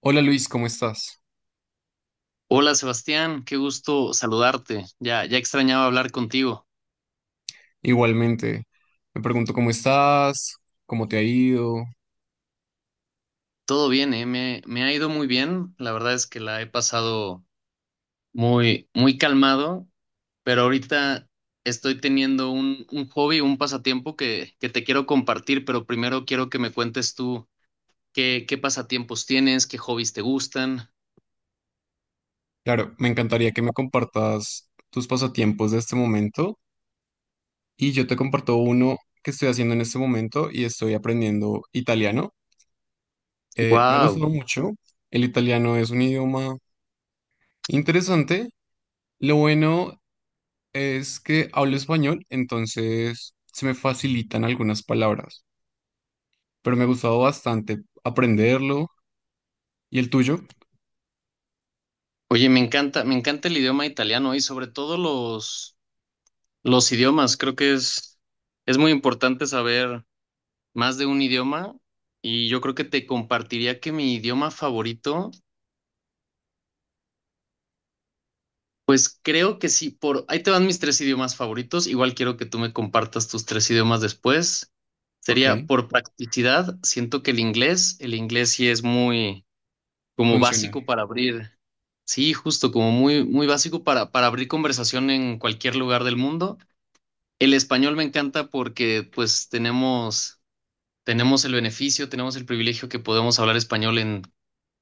Hola Luis, ¿cómo estás? Hola Sebastián, qué gusto saludarte. Ya, ya extrañaba hablar contigo. Igualmente, me pregunto cómo estás, cómo te ha ido. Todo bien, ¿eh? Me ha ido muy bien. La verdad es que la he pasado muy, muy calmado, pero ahorita estoy teniendo un hobby, un pasatiempo que te quiero compartir, pero primero quiero que me cuentes tú qué pasatiempos tienes, qué hobbies te gustan. Claro, me encantaría que me compartas tus pasatiempos de este momento y yo te comparto uno que estoy haciendo en este momento y estoy aprendiendo italiano. Me ha Wow. gustado mucho, el italiano es un idioma interesante. Lo bueno es que hablo español, entonces se me facilitan algunas palabras, pero me ha gustado bastante aprenderlo. ¿Y el tuyo? Oye, me encanta el idioma italiano y sobre todo los idiomas. Creo que es muy importante saber más de un idioma y yo creo que te compartiría que mi idioma favorito, creo que sí, por ahí te van mis tres idiomas favoritos, igual quiero que tú me compartas tus tres idiomas después. Ok, Sería por practicidad, siento que el inglés sí es muy como funciona. básico para abrir, sí, justo como muy muy básico para abrir conversación en cualquier lugar del mundo. El español me encanta porque pues tenemos el beneficio, tenemos el privilegio que podemos hablar español en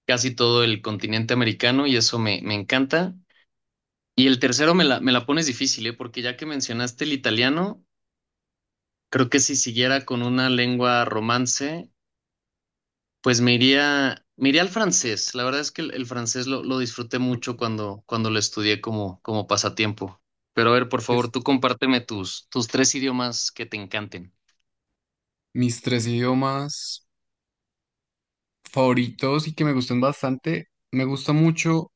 casi todo el continente americano y eso me encanta. Y el tercero me la pones difícil, ¿eh? Porque ya que mencionaste el italiano, creo que si siguiera con una lengua romance, pues me iría al francés. La verdad es que el francés lo disfruté mucho cuando lo estudié como pasatiempo. Pero a ver, por favor, Pues, tú compárteme tus tres idiomas que te encanten. mis tres idiomas favoritos y que me gustan bastante, me gusta mucho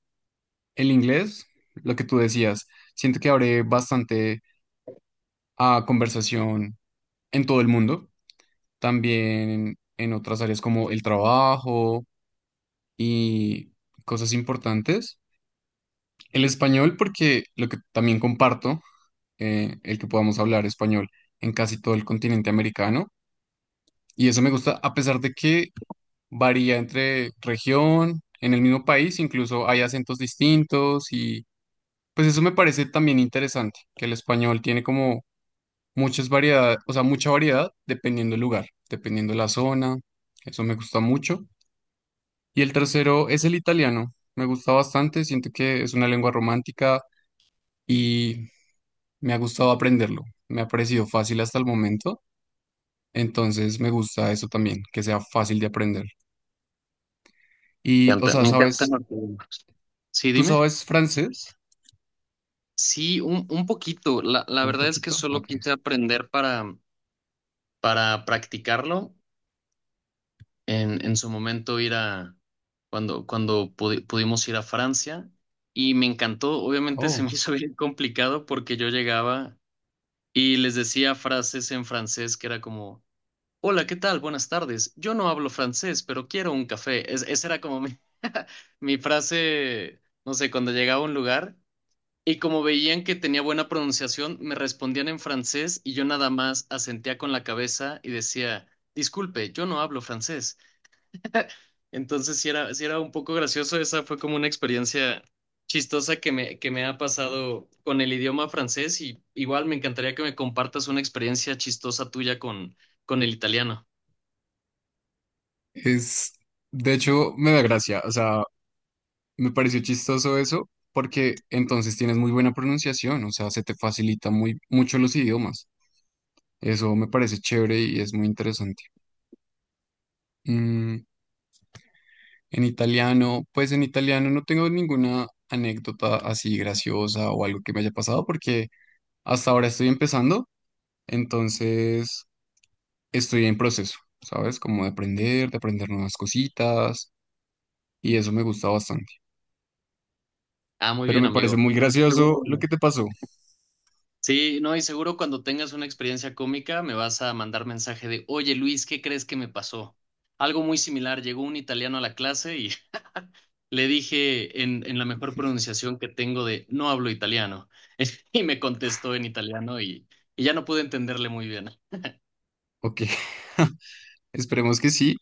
el inglés, lo que tú decías. Siento que abre bastante a conversación en todo el mundo, también en otras áreas como el trabajo y cosas importantes. El español, porque lo que también comparto, el que podamos hablar español en casi todo el continente americano. Y eso me gusta, a pesar de que varía entre región, en el mismo país, incluso hay acentos distintos y pues eso me parece también interesante, que el español tiene como muchas variedades, o sea, mucha variedad dependiendo del lugar, dependiendo de la zona, eso me gusta mucho. Y el tercero es el italiano, me gusta bastante, siento que es una lengua romántica y me ha gustado aprenderlo, me ha parecido fácil hasta el momento, entonces me gusta eso también, que sea fácil de aprender. Me Y, o encanta, sea, me encantan ¿sabes? los idiomas. Sí, ¿Tú dime. sabes francés? Sí, un poquito. La Un verdad es que poquito, solo ok. quise aprender para practicarlo en su momento ir a, cuando pudimos ir a Francia y me encantó, obviamente se Oh, me hizo bien complicado porque yo llegaba y les decía frases en francés que era como, hola, ¿qué tal? Buenas tardes. Yo no hablo francés, pero quiero un café. Esa era como mi, mi frase, no sé, cuando llegaba a un lugar. Y como veían que tenía buena pronunciación, me respondían en francés y yo nada más asentía con la cabeza y decía, disculpe, yo no hablo francés. Entonces sí era un poco gracioso, esa fue como una experiencia chistosa que me ha pasado con el idioma francés y igual me encantaría que me compartas una experiencia chistosa tuya con el italiano. es, de hecho, me da gracia, o sea, me pareció chistoso eso, porque entonces tienes muy buena pronunciación, o sea, se te facilita muy, mucho los idiomas. Eso me parece chévere y es muy interesante. Mm, en italiano, pues en italiano no tengo ninguna anécdota así graciosa o algo que me haya pasado, porque hasta ahora estoy empezando, entonces estoy en proceso, ¿sabes? Como de aprender nuevas cositas y eso me gusta bastante. Ah, muy Pero bien, me parece amigo. muy gracioso lo que Seguro. te pasó. Sí, no, y seguro cuando tengas una experiencia cómica me vas a mandar mensaje de, oye Luis, ¿qué crees que me pasó? Algo muy similar, llegó un italiano a la clase. Le dije en la mejor pronunciación que tengo de no hablo italiano. Y me contestó en italiano y ya no pude entenderle muy bien. Ok, esperemos que sí.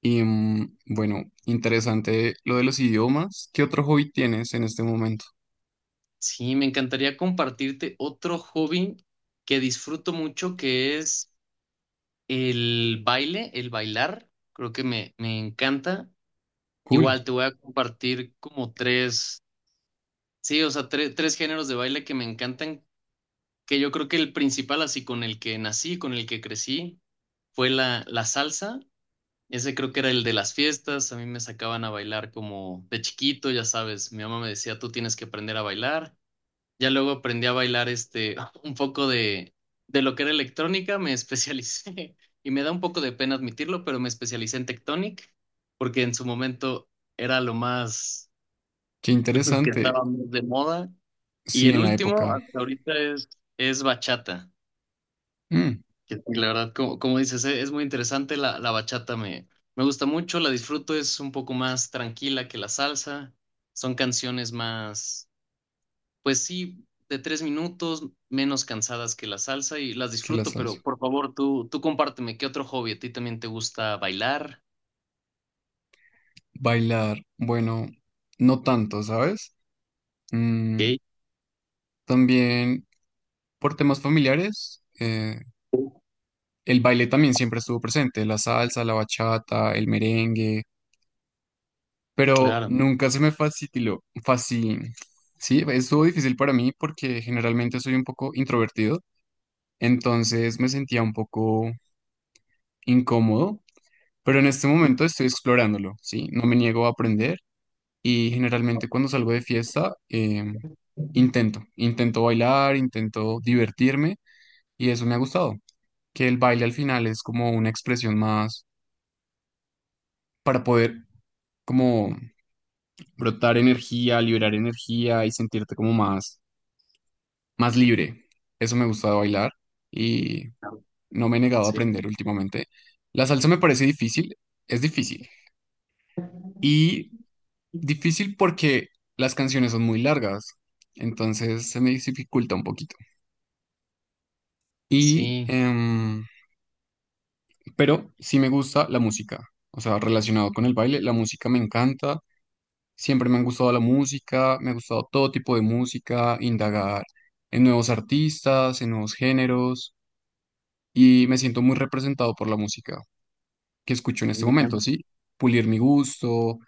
Y mm, bueno, interesante lo de los idiomas. ¿Qué otro hobby tienes en este momento? Sí, me encantaría compartirte otro hobby que disfruto mucho, que es el baile, el bailar. Creo que me encanta. Cool, Igual te voy a compartir como tres, sí, o sea, tres géneros de baile que me encantan, que yo creo que el principal, así con el que nací, con el que crecí, fue la salsa. Ese creo que era el de las fiestas, a mí me sacaban a bailar como de chiquito, ya sabes, mi mamá me decía, tú tienes que aprender a bailar. Ya luego aprendí a bailar un poco de lo que era electrónica, me especialicé y me da un poco de pena admitirlo, pero me especialicé en Tectonic porque en su momento era qué lo que interesante. estaba más de moda y Sí, el en la último época. hasta ahorita es bachata. Mm, Que sí, la verdad, como dices, es muy interesante. La bachata me gusta mucho, la disfruto, es un poco más tranquila que la salsa. Son canciones más, pues sí, de 3 minutos, menos cansadas que la salsa y las que la disfruto, salsa. pero por favor, tú compárteme, ¿qué otro hobby? ¿A ti también te gusta bailar? Bailar, bueno, no tanto, ¿sabes? Mm, Ok, también por temas familiares, el baile también siempre estuvo presente, la salsa, la bachata, el merengue pero claro. nunca se me facilitó, fácil, sí, estuvo difícil para mí porque generalmente soy un poco introvertido, entonces me sentía un poco incómodo, pero en este momento estoy explorándolo, sí, no me niego a aprender y generalmente cuando salgo de fiesta intento bailar, intento divertirme y eso me ha gustado, que el baile al final es como una expresión más para poder como brotar energía, liberar energía y sentirte como más más libre. Eso me gusta de bailar y no me he negado a Sí, aprender últimamente. La salsa me parece difícil, es difícil. Y difícil porque las canciones son muy largas, entonces se me dificulta un poquito. Y, sí, pero sí me gusta la música, o sea, relacionado con el baile, la música me encanta. Siempre me han gustado la música, me ha gustado todo tipo de música, indagar en nuevos artistas, en nuevos géneros, y me siento muy representado por la música que escucho en este muy momento, bien. ¿sí? Pulir mi gusto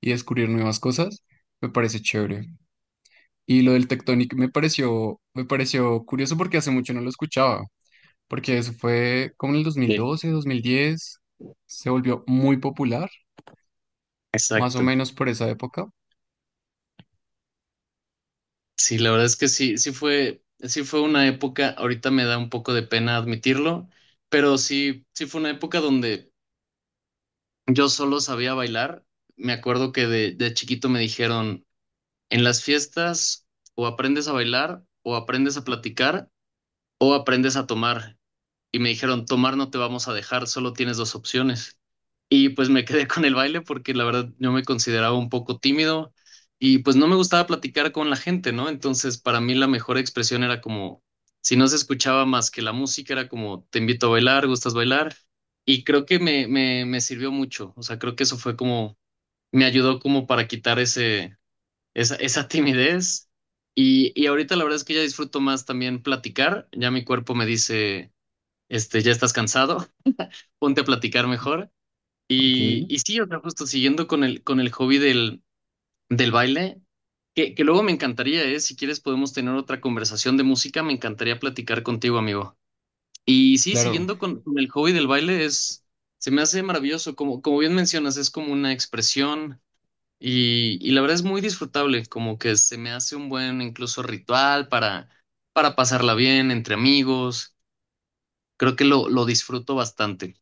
y descubrir nuevas cosas, me parece chévere. Y lo del Tectonic me pareció curioso porque hace mucho no lo escuchaba, porque eso fue como en el Sí, 2012, 2010, se volvió muy popular, más o exacto. menos por esa época. Sí, la verdad es que sí, sí fue una época, ahorita me da un poco de pena admitirlo, pero sí, sí fue una época donde yo solo sabía bailar. Me acuerdo que de chiquito me dijeron, en las fiestas o aprendes a bailar, o aprendes a platicar, o aprendes a tomar. Y me dijeron, tomar no te vamos a dejar, solo tienes dos opciones. Y pues me quedé con el baile porque la verdad yo me consideraba un poco tímido y pues no me gustaba platicar con la gente, ¿no? Entonces para mí la mejor expresión era como, si no se escuchaba más que la música, era como, te invito a bailar, ¿gustas bailar? Y creo que me sirvió mucho, o sea, creo que eso fue como, me ayudó como para quitar esa timidez. Y ahorita la verdad es que ya disfruto más también platicar, ya mi cuerpo me dice, ya estás cansado, ponte a platicar mejor. Ok. Y sí, o sea, justo siguiendo con el hobby del baile, que luego me encantaría, ¿eh? Si quieres podemos tener otra conversación de música, me encantaría platicar contigo, amigo. Y sí, Claro, siguiendo con el hobby del baile, es, se me hace maravilloso, como bien mencionas, es como una expresión y la verdad es muy disfrutable, como que se me hace un buen incluso ritual para pasarla bien entre amigos, creo que lo disfruto bastante.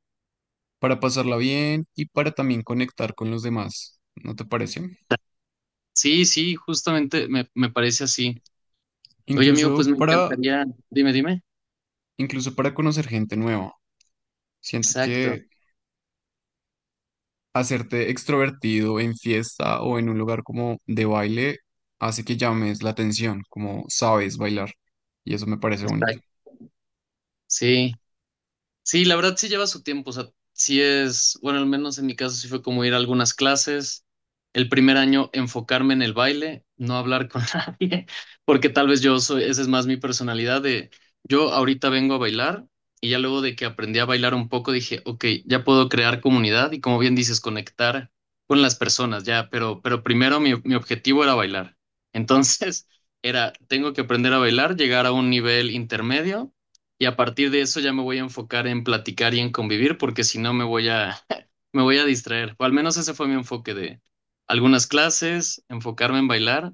para pasarla bien y para también conectar con los demás, ¿no te parece? Sí, sí, justamente me parece así. Oye, amigo, Incluso pues me para, encantaría. Dime, dime. Incluso para conocer gente nueva. Siento Exacto. que hacerte extrovertido en fiesta o en un lugar como de baile hace que llames la atención, como sabes bailar. Y eso me parece Está. bonito. Sí. Sí, la verdad sí lleva su tiempo, o sea, sí es, bueno, al menos en mi caso sí fue como ir a algunas clases, el primer año enfocarme en el baile, no hablar con nadie, porque tal vez yo soy, esa es más mi personalidad de, yo ahorita vengo a bailar y ya luego de que aprendí a bailar un poco dije, ok, ya puedo crear comunidad y como bien dices, conectar con las personas, ya, pero primero mi objetivo era bailar. Entonces era, tengo que aprender a bailar, llegar a un nivel intermedio y a partir de eso ya me voy a enfocar en platicar y en convivir, porque si no me voy a, me voy a distraer. O al menos ese fue mi enfoque de algunas clases, enfocarme en bailar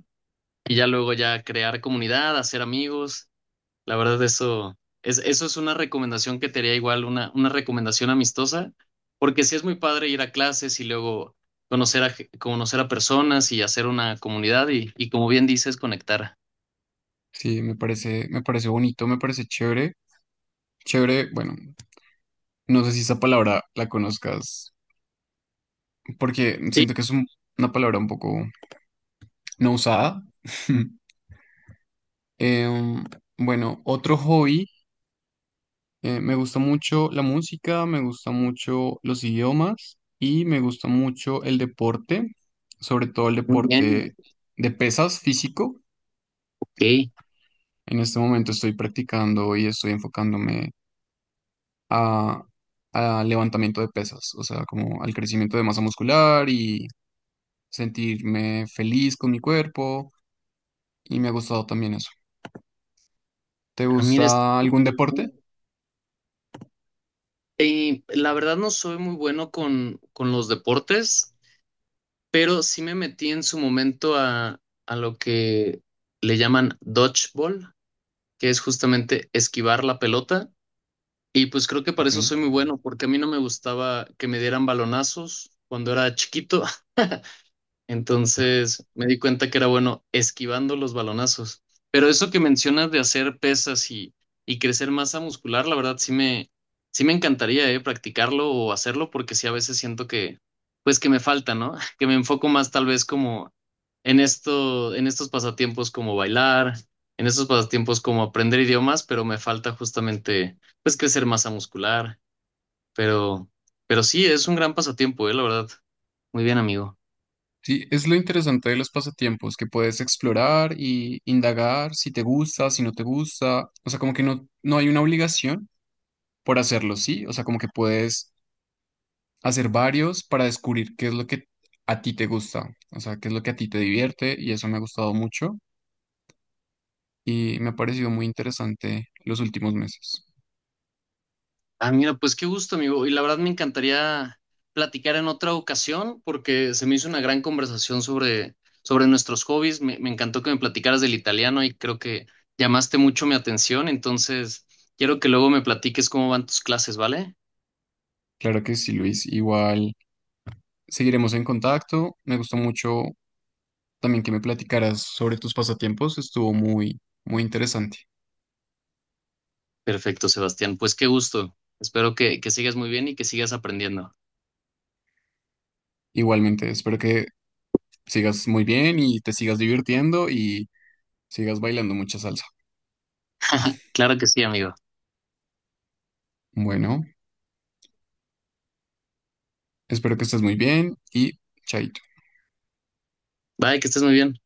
y ya luego ya crear comunidad, hacer amigos. La verdad, eso es una recomendación que te haría igual, una recomendación amistosa, porque sí es muy padre ir a clases y luego conocer a personas y hacer una comunidad y como bien dices, conectar. Sí, me parece bonito, me parece chévere. Chévere, bueno, no sé si esa palabra la conozcas, porque Sí, siento que es un- una palabra un poco no usada. Em, bueno, otro hobby. Me gusta mucho la música, me gusta mucho los idiomas y me gusta mucho el deporte, sobre todo el muy bien. deporte de pesas físico. Ok. En este momento estoy practicando y estoy enfocándome a, a levantamiento de pesas, o sea, como al crecimiento de masa muscular y sentirme feliz con mi cuerpo y me ha gustado también eso. ¿Te Ah, mira, esto. gusta algún deporte? Y la verdad no soy muy bueno con los deportes, pero sí me metí en su momento a lo que le llaman dodgeball, que es justamente esquivar la pelota. Y pues creo que para Ok. eso soy muy bueno, porque a mí no me gustaba que me dieran balonazos cuando era chiquito. Entonces me di cuenta que era bueno esquivando los balonazos. Pero eso que mencionas de hacer pesas y crecer masa muscular, la verdad sí me encantaría practicarlo o hacerlo porque sí a veces siento que, pues que me falta, ¿no? Que me enfoco más tal vez como en esto, en estos pasatiempos como bailar, en estos pasatiempos como aprender idiomas, pero me falta justamente pues crecer masa muscular. Pero, pero sí, es un gran pasatiempo, la verdad. Muy bien, amigo. Sí, es lo interesante de los pasatiempos, que puedes explorar y indagar si te gusta, si no te gusta, o sea, como que no, no hay una obligación por hacerlo, ¿sí? O sea, como que puedes hacer varios para descubrir qué es lo que a ti te gusta, o sea, qué es lo que a ti te divierte y eso me ha gustado mucho y me ha parecido muy interesante los últimos meses. Ah, mira, pues qué gusto, amigo. Y la verdad me encantaría platicar en otra ocasión porque se me hizo una gran conversación sobre nuestros hobbies. Me encantó que me platicaras del italiano y creo que llamaste mucho mi atención. Entonces, quiero que luego me platiques cómo van tus clases, ¿vale? Claro que sí, Luis, igual seguiremos en contacto, me gustó mucho también que me platicaras sobre tus pasatiempos, estuvo muy, muy interesante. Perfecto, Sebastián. Pues qué gusto. Espero que sigas muy bien y que sigas aprendiendo. Igualmente, espero que sigas muy bien y te sigas divirtiendo y sigas bailando mucha salsa. Claro que sí, amigo. Bueno, espero que estés muy bien y chaito. Bye, que estés muy bien.